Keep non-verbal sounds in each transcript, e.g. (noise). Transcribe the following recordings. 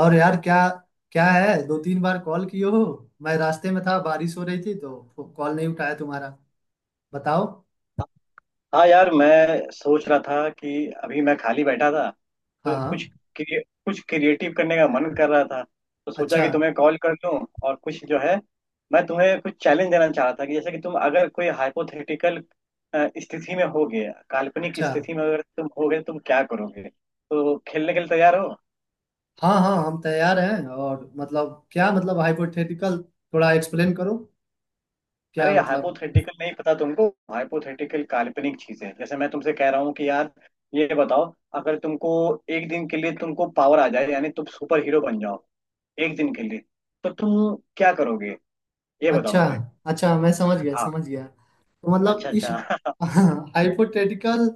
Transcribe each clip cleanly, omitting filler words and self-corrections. और यार, क्या? क्या है? 2-3 बार कॉल किए हो। मैं रास्ते में था, बारिश हो रही थी, तो कॉल नहीं उठाया तुम्हारा। बताओ। हाँ यार, मैं सोच रहा था कि अभी मैं खाली बैठा था। तो कुछ हाँ। क्रिए, कुछ क्रिएटिव करने का मन कर रहा था, तो सोचा अच्छा। कि तुम्हें कॉल कर लूं। और कुछ जो है, मैं तुम्हें कुछ चैलेंज देना चाह रहा था कि जैसे कि तुम अगर कोई हाइपोथेटिकल स्थिति में होगे, काल्पनिक अच्छा। स्थिति में अगर तुम होगे, तुम क्या करोगे। तो खेलने के लिए तैयार हो? हाँ हाँ, हम तैयार हैं। और मतलब क्या? मतलब हाइपोथेटिकल, थोड़ा एक्सप्लेन करो। क्या अरे मतलब? हाइपोथेटिकल नहीं पता तुमको? हाइपोथेटिकल काल्पनिक चीजें, जैसे मैं तुमसे कह रहा हूँ कि यार ये बताओ, अगर तुमको एक दिन के लिए तुमको पावर आ जाए, यानी तुम सुपर हीरो बन जाओ एक दिन के लिए, तो तुम क्या करोगे? ये बताओ अच्छा मुझे। अच्छा, मैं समझ गया, हाँ। समझ गया। तो मतलब अच्छा इस अच्छा। (laughs) हाइपोथेटिकल,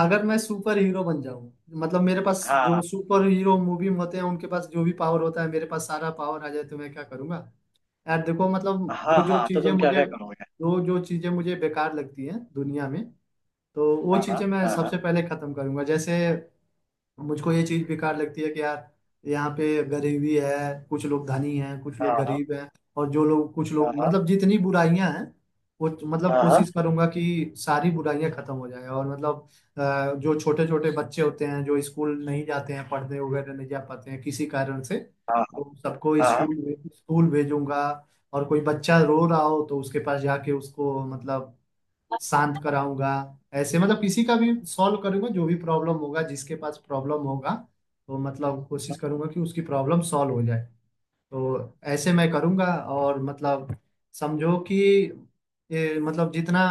अगर मैं सुपर हीरो बन जाऊं। मतलब मेरे पास, (laughs) जो हाँ सुपर हीरो मूवी में होते हैं उनके पास जो भी पावर होता है, मेरे पास सारा पावर आ जाए, तो मैं क्या करूंगा? यार देखो, मतलब हाँ जो जो हाँ, तो चीजें तुम क्या मुझे, क्या करोगे? जो जो चीजें मुझे बेकार लगती हैं दुनिया में, तो वो हाँ हाँ चीजें मैं हाँ हाँ। सबसे पहले खत्म करूंगा, जैसे। मुझको ये चीज बेकार लगती है कि यार, यहाँ पे गरीबी है। कुछ लोग धनी हैं, कुछ लोग हाँ गरीब हैं। और जो लोग, कुछ हाँ। लोग, हाँ मतलब जितनी बुराइयां हैं, वो मतलब हाँ हाँ। हाँ। कोशिश करूंगा कि सारी बुराइयां खत्म हो जाए, और मतलब, जो छोटे छोटे बच्चे होते हैं, जो स्कूल नहीं जाते हैं, पढ़ने वगैरह नहीं जा पाते हैं किसी कारण से, हाँ तो सबको हाँ। हाँ। स्कूल स्कूल भेजूंगा। और कोई बच्चा रो रहा हो, तो उसके पास जाके उसको, मतलब, शांत कराऊंगा। ऐसे, मतलब किसी का भी सॉल्व करूंगा, जो भी प्रॉब्लम होगा, जिसके पास प्रॉब्लम होगा, तो मतलब कोशिश करूंगा कि उसकी प्रॉब्लम सॉल्व हो जाए। तो ऐसे मैं करूंगा, और मतलब, समझो कि ये, मतलब जितना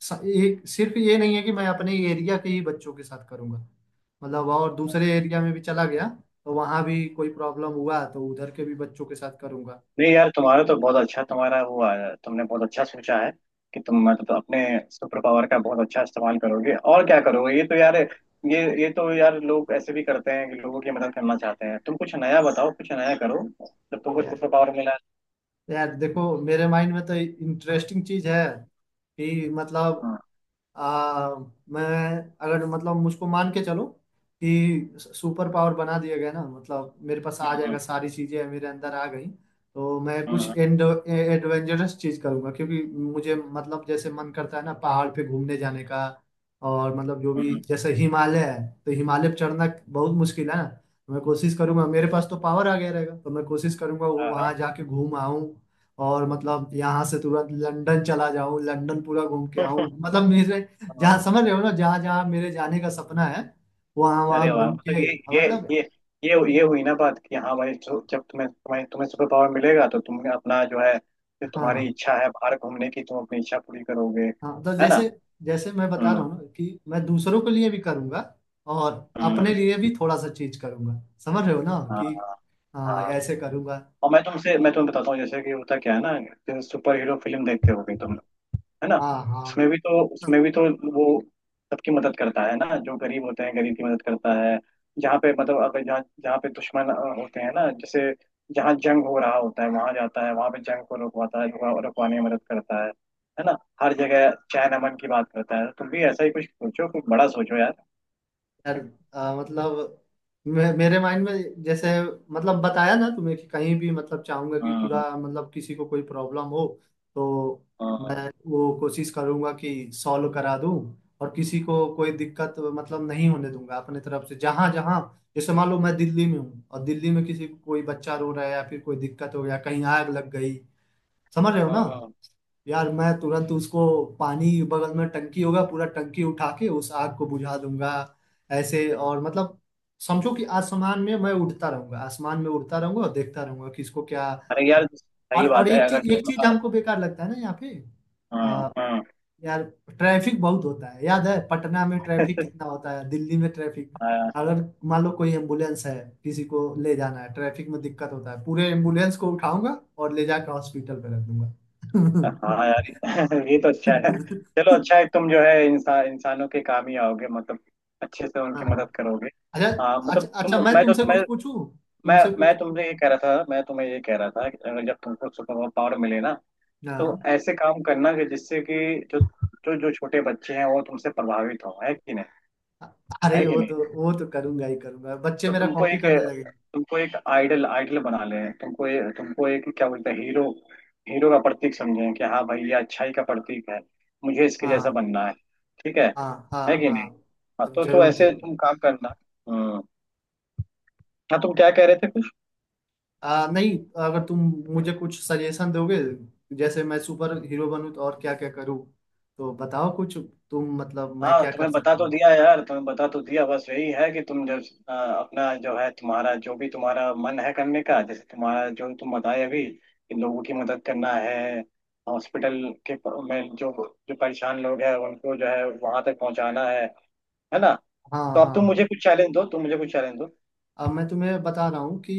एक सिर्फ ये नहीं है कि मैं अपने एरिया के ही बच्चों के साथ करूंगा। मतलब और दूसरे एरिया में भी चला गया, तो वहां भी कोई प्रॉब्लम हुआ तो उधर के भी बच्चों के साथ करूंगा। नहीं यार, तुम्हारा तो बहुत अच्छा, तुम्हारा हुआ है, तुमने बहुत अच्छा सोचा है कि तुम मतलब अपने सुपर पावर का बहुत अच्छा इस्तेमाल करोगे। और क्या करोगे? ये तो यार, ये तो यार लोग ऐसे भी करते हैं कि लोगों की मदद करना चाहते हैं। तुम कुछ नया बताओ, कुछ नया करो, जब तुमको यार, सुपर पावर मिला है। यार देखो, मेरे माइंड में तो इंटरेस्टिंग चीज है, कि मतलब, हाँ। आ, मैं, अगर मतलब मुझको मान के चलो कि सुपर पावर बना दिया गया ना, मतलब मेरे पास आ हम्म। जाएगा, हम्म। सारी चीजें मेरे अंदर आ गई, तो मैं हम्म। हम्म। कुछ एंड एडवेंचरस चीज करूंगा, क्योंकि मुझे, मतलब जैसे मन करता है ना पहाड़ पे घूमने जाने का। और मतलब जो भी, हम्म। जैसे हिमालय है, तो हिमालय पे चढ़ना बहुत मुश्किल है ना, तो मैं कोशिश करूंगा, मेरे पास तो पावर आ गया रहेगा, तो मैं कोशिश करूंगा वो वहां हाँ जाके घूम आऊं। और मतलब यहाँ से तुरंत लंदन चला जाऊं, लंदन पूरा घूम के आऊं, हाँ। मतलब मेरे, (laughs) जहाँ हाँ। समझ रहे हो ना, जहाँ जहाँ मेरे जाने का सपना है, वहाँ अरे वहाँ वाह, घूम के, मतलब ये हाँ, ये मतलब। ये ये ये हुई ना बात कि हाँ भाई, जब तुम्हें तुम्हें तुम्हें सुपर पावर मिलेगा तो तुम अपना जो है, जो तुम्हारी हाँ इच्छा है बाहर घूमने की, तुम अपनी इच्छा पूरी करोगे। हाँ, तो है ना। जैसे, जैसे मैं बता रहा हम्म। हूँ ना, कि मैं दूसरों के लिए भी करूँगा, और हम्म। अपने लिए भी थोड़ा सा चीज करूँगा, समझ रहे हो ना, हाँ कि हाँ हाँ, हाँ। ऐसे करूँगा। और मैं तुमसे, मैं तुम्हें बताता हूँ जैसे कि होता क्या है ना, जैसे सुपर हीरो फिल्म देखते होगे तुम लोग, है ना। हाँ हाँ उसमें भी तो वो सबकी मदद करता है ना, जो गरीब होते हैं गरीब की मदद करता है। जहाँ पे मतलब अगर जहाँ जहाँ पे दुश्मन होते हैं ना, जैसे जहाँ जंग हो रहा होता है वहां जाता है, वहां पे जंग को रुकवाता है, रुकवाने में मदद करता है। है ना। हर जगह चैन अमन की बात करता है। तो तुम भी ऐसा ही कुछ सोचो, कुछ बड़ा सोचो यार। यार, मतलब मेरे माइंड में जैसे, मतलब बताया ना तुम्हें कि कहीं भी मतलब चाहूंगा कि पूरा, हाँ मतलब किसी को कोई प्रॉब्लम हो, तो हाँ मैं, वो कोशिश करूंगा कि सॉल्व करा दूं। और किसी को कोई दिक्कत, मतलब नहीं होने दूंगा अपने तरफ से, जहां जहां। जैसे मान लो मैं दिल्ली में हूँ, और दिल्ली में किसी को, कोई बच्चा रो रहा है, या फिर कोई दिक्कत हो गया, कहीं आग लग गई। समझ रहे हो ना? हाँ हाँ, यार मैं तुरंत उसको, पानी, बगल में टंकी होगा, पूरा टंकी उठा के उस आग को बुझा दूंगा। ऐसे, और मतलब समझो कि आसमान में मैं उड़ता रहूंगा, आसमान में उड़ता रहूंगा, और देखता रहूंगा कि इसको क्या। अरे यार और सही और बात है, एक अगर चीज, एक तुम। चीज हमको बेकार लगता है ना यहाँ पे। हाँ हाँ यार, ट्रैफिक बहुत होता है, याद है पटना में ट्रैफिक कितना होता है, दिल्ली में ट्रैफिक। अगर मान लो कोई एम्बुलेंस है, किसी को ले जाना है, ट्रैफिक में दिक्कत होता है, पूरे एम्बुलेंस को उठाऊंगा और ले जाकर हॉस्पिटल पे रख दूंगा। हाँ (laughs) हाँ यार, (laughs) ये तो अच्छा है। चलो अच्छा है, तुम जो है इंसान इंसानों के काम ही आओगे, मतलब अच्छे से हाँ उनकी हाँ। मदद करोगे। अच्छा। हाँ, मतलब अच्छा, तुम, अच्छा, मैं मैं तो तुम्हें, मैं तुमसे कुछ मैं तुमसे पूछूं? ये कह रहा था, मैं तुम्हें ये कह रहा था कि अगर जब तुमको सुपर पावर मिले ना, तो हाँ। ऐसे काम करना कि जिससे कि जो जो जो छोटे बच्चे हैं वो तुमसे प्रभावित हो। है कि नहीं। है अरे कि वो नहीं। तो वो तो करूंगा ही करूंगा, बच्चे तो मेरा तुमको कॉपी एक, करने लगे। आइडल आइडल बना लें तुमको, ये तुमको एक क्या बोलते हैं, हीरो, हीरो का प्रतीक समझें कि हाँ भाई, ये अच्छाई का प्रतीक है, मुझे इसके जैसा हाँ बनना है। ठीक है। हाँ हाँ है कि हाँ। नहीं। हाँ, अब तो जरूर ऐसे जरूर। तुम काम करना। हम्म। हाँ, तुम क्या कह रहे थे? नहीं, अगर तुम मुझे कुछ सजेशन दोगे, जैसे मैं सुपर हीरो बनूं तो और क्या क्या करूँ, तो बताओ कुछ, तुम, मतलब मैं हाँ, क्या कर तुम्हें बता सकता तो हूँ? दिया यार, तुम्हें बता तो दिया, बस यही है कि तुम जब अपना जो है, तुम्हारा जो भी तुम्हारा मन है करने का, जैसे तुम्हारा जो तुम बताए अभी कि लोगों की मदद करना है, हॉस्पिटल के में जो, जो परेशान लोग हैं उनको जो है वहां तक पहुंचाना है। है ना। हाँ तो अब तुम हाँ। मुझे कुछ चैलेंज दो, तुम मुझे कुछ चैलेंज दो। अब मैं तुम्हें बता रहा हूँ कि,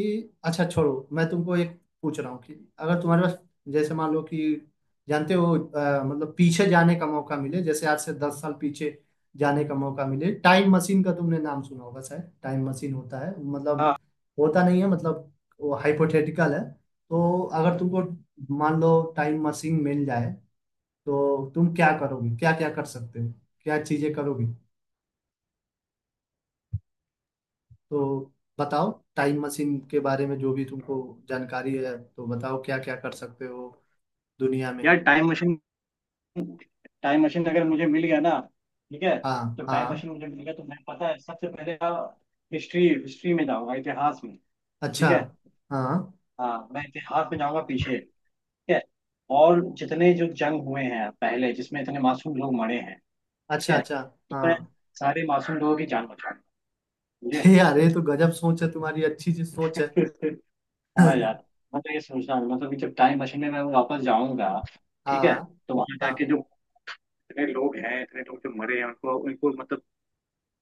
अच्छा छोड़ो, मैं तुमको एक पूछ रहा हूँ कि, अगर तुम्हारे पास, जैसे मान लो कि, जानते हो, मतलब पीछे जाने का मौका मिले, जैसे आज से 10 साल पीछे जाने का मौका मिले। टाइम मशीन का तुमने नाम सुना होगा शायद। टाइम मशीन होता है, हाँ मतलब होता नहीं है, मतलब वो हाइपोथेटिकल है। तो अगर तुमको, मान लो टाइम मशीन मिल जाए, तो तुम क्या करोगे? क्या क्या कर सकते हो? क्या चीजें करोगे? तो बताओ, टाइम मशीन के बारे में जो भी तुमको जानकारी है तो बताओ, क्या क्या कर सकते हो दुनिया में? यार, टाइम मशीन, टाइम मशीन अगर मुझे मिल गया ना, ठीक है, हाँ तो टाइम हाँ। मशीन मुझे मिल गया तो मैं, पता है, सबसे पहले हिस्ट्री, हिस्ट्री में जाऊंगा, इतिहास में। अच्छा। ठीक है। हाँ। हाँ, मैं इतिहास में जाऊंगा पीछे। ठीक है। और जितने जो जंग हुए हैं पहले, जिसमें इतने मासूम लोग मरे हैं, ठीक अच्छा है, अच्छा। तो हाँ। मैं सारे मासूम लोगों की जान बचाऊंगा। (laughs) मुझे। हे यार, ये तो गजब सोच है तुम्हारी, अच्छी सी सोच है। (laughs) (laughs) हाँ हाँ यार, मैं तो ये सोच रहा हूँ मतलब कि जब टाइम मशीन में मैं वापस जाऊंगा, ठीक है, तो वहां हाँ जाके जो इतने लोग हैं, इतने लोग जो मरे हैं उनको उनको मतलब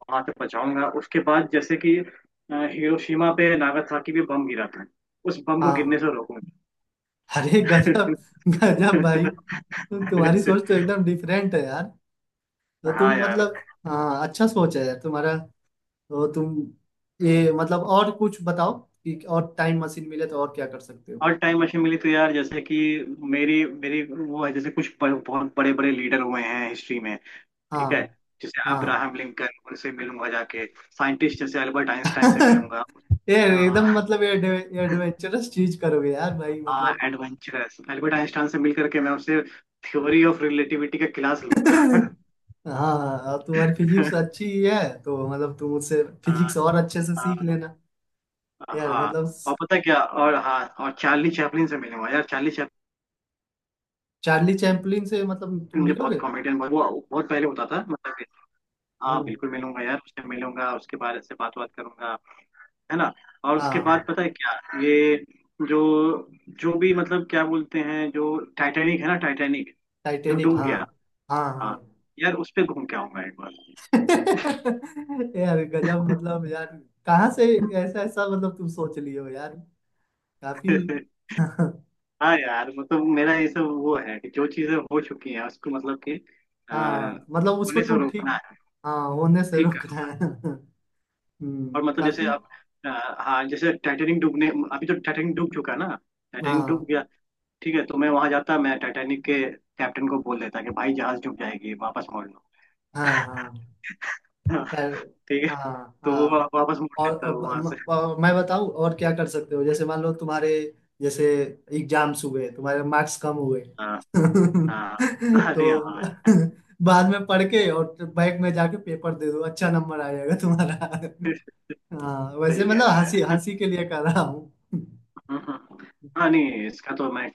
वहां से बचाऊंगा। उसके बाद जैसे कि हिरोशिमा पे, नागासाकी पे बम गिरा था, उस बम को गिरने हाँ। से अरे गजब, गजब भाई, रोकूंगा। तुम्हारी (laughs) सोच तो एकदम डिफरेंट है यार। तो हाँ तुम, यार। मतलब, हाँ अच्छा सोच है यार तुम्हारा। तो तुम, ये मतलब और कुछ बताओ, कि और टाइम मशीन मिले तो और क्या कर सकते हो? और टाइम मशीन मिली तो यार, जैसे कि मेरी मेरी वो है, जैसे कुछ बहुत बड़े बड़े लीडर हुए हैं हिस्ट्री में। ठीक है। हाँ जैसे हाँ। अब्राहम लिंकन, उनसे मिलूंगा जाके। साइंटिस्ट जैसे अल्बर्ट आइंस्टाइन से मिलूंगा। (laughs) ये एकदम, हाँ। मतलब ये एडवेंचरस चीज करोगे यार भाई, हाँ, मतलब। एडवेंचरस, अल्बर्ट आइंस्टाइन से मिल करके मैं उससे थ्योरी ऑफ रिलेटिविटी का क्लास लूंगा। (laughs) हाँ, और तुम्हारी फिजिक्स (laughs) अच्छी ही है, तो मतलब तुम उससे हाँ। फिजिक्स और अच्छे से हाँ। सीख लेना। यार हाँ। मतलब। और पता है क्या, और हाँ, और चार्ली चैपलिन से मिलूंगा यार, चार्ली चैपलिन चार्ली चैपलिन से, मतलब तुम मुझे बहुत, मिलोगे? कॉमेडियन बहुत, वो बहुत पहले होता था मतलब। हाँ, हम्म। बिल्कुल मिलूंगा यार, उससे मिलूंगा, उसके बारे से बात बात करूंगा। है ना। और उसके बाद हाँ। पता है क्या, ये जो, जो भी मतलब क्या बोलते हैं, जो टाइटैनिक है ना, टाइटैनिक जो टाइटैनिक, डूब हाँ। गया, हाँ हाँ। हाँ यार, उस पे घूम के आऊंगा एक बार। (laughs) यार गजब, मतलब यार कहाँ से ऐसा ऐसा, मतलब तुम सोच लिए हो यार, काफी। (laughs) (laughs) हाँ यार, मतलब मेरा ये सब वो है कि जो चीजें हो चुकी हैं उसको मतलब कि हाँ, मतलब उसको होने से तुम रोकना ठीक। है, हाँ, होने से ठीक करना रोकना है। है। (laughs) हम्म, और मतलब जैसे काफी। आप, अ, हाँ जैसे टाइटेनिक डूबने अभी तो टाइटेनिक डूब चुका है ना, टाइटेनिक डूब हाँ गया। ठीक है, तो मैं वहां जाता, मैं टाइटैनिक के कैप्टन को बोल देता कि भाई जहाज डूब जाएगी, वापस मोड़ लो। हाँ हाँ हाँ। यार, ठीक है। हाँ तो वो हाँ। वापस मोड़ और लेता है अब वहां से। और मैं बताऊँ और क्या कर सकते हो, जैसे मान लो तुम्हारे, जैसे एग्जाम्स हुए, तुम्हारे मार्क्स कम हुए। हाँ (laughs) हाँ, अरे तो हाँ। बाद में पढ़ के और बैग में जाके पेपर दे दो, अच्छा नंबर आ जाएगा तुम्हारा। (laughs) (laughs) हाँ, वैसे सही कह मतलब रहे हंसी हैं। हंसी के लिए कर रहा हूँ। हम्म। हम्म। हाँ, नहीं, इसका तो मैं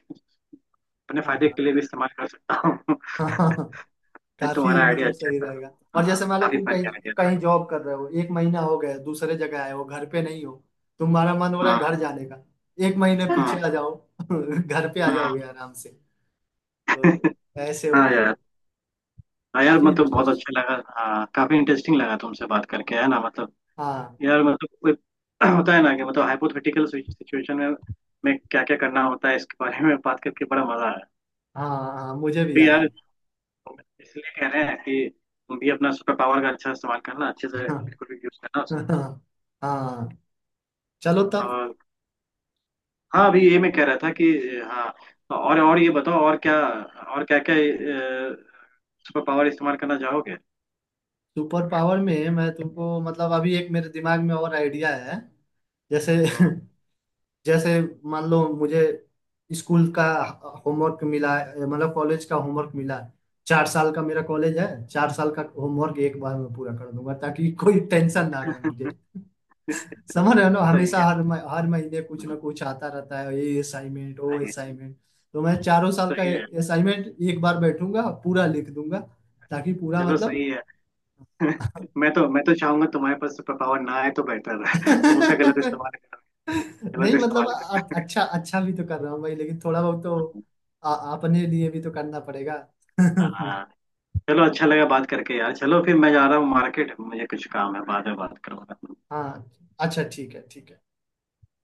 अपने फायदे के लिए भी इस्तेमाल कर सकता हूँ। हाँ। (laughs) (laughs) काफी, तुम्हारा आइडिया मतलब अच्छा सही था। रहेगा। और हाँ, जैसे मान लो काफी तुम कहीं, फनी आइडिया था। कहीं जॉब कर रहे हो, 1 महीना हो गया, दूसरे जगह आए हो, घर पे नहीं हो, तुम्हारा मन हो रहा है हाँ घर जाने का, 1 महीने पीछे हाँ आ जाओ, (laughs) घर पे आ हाँ। जाओगे आराम से। तो (laughs) ऐसे हो हाँ यार। जाएगा। हाँ यार, काफी मतलब बहुत इंटरेस्ट। अच्छा लगा, हाँ काफी इंटरेस्टिंग लगा तुमसे बात करके, है ना मतलब। हाँ यार मतलब कोई (clears throat) होता है ना, कि मतलब हाइपोथेटिकल सिचुएशन में क्या क्या करना होता है, इसके बारे में बात करके बड़ा मजा आया। हाँ, हाँ मुझे भी तो आया। यार, इसलिए कह रहे हैं कि तुम भी अपना सुपर पावर का अच्छा इस्तेमाल करना, अच्छे से, (laughs) बिल्कुल भी यूज करना। हाँ हाँ, चलो तब। और हाँ, अभी ये मैं कह रहा था कि, हाँ तो, और ये बताओ और क्या, और क्या क्या सुपर पावर इस्तेमाल करना चाहोगे? सुपर पावर में मैं तुमको, मतलब अभी एक मेरे दिमाग में और आइडिया है, जैसे हम्म। (laughs) जैसे मान लो, मुझे स्कूल का होमवर्क मिला है, मतलब कॉलेज का होमवर्क मिला है। 4 साल का मेरा कॉलेज है, 4 साल का होमवर्क एक बार में पूरा कर दूंगा, ताकि (laughs) कोई टेंशन ना रहे मुझे। (laughs) समझ रहे हो ना, सही हमेशा है। हर महीने कुछ ना हम्म। कुछ आता रहता है, ये असाइनमेंट, वो सही है। असाइनमेंट। तो मैं चारों साल का सही है। असाइनमेंट एक बार बैठूंगा, पूरा लिख दूंगा, ताकि पूरा, चलो मतलब। सही है। (laughs) मैं तो चाहूंगा तुम्हारे पास सुपर पावर ना आए तो बेहतर है। (laughs) तुम उसका गलत (laughs) इस्तेमाल गलत नहीं, मतलब इस्तेमाल करता है। अच्छा अच्छा भी तो कर रहा हूँ भाई, लेकिन थोड़ा बहुत तो अपने लिए भी तो करना पड़ेगा। (laughs) हाँ। चलो अच्छा लगा बात करके यार, चलो फिर मैं जा रहा हूँ मार्केट, मुझे कुछ काम है, बाद में बात करूंगा। हाँ, अच्छा ठीक है, ठीक है।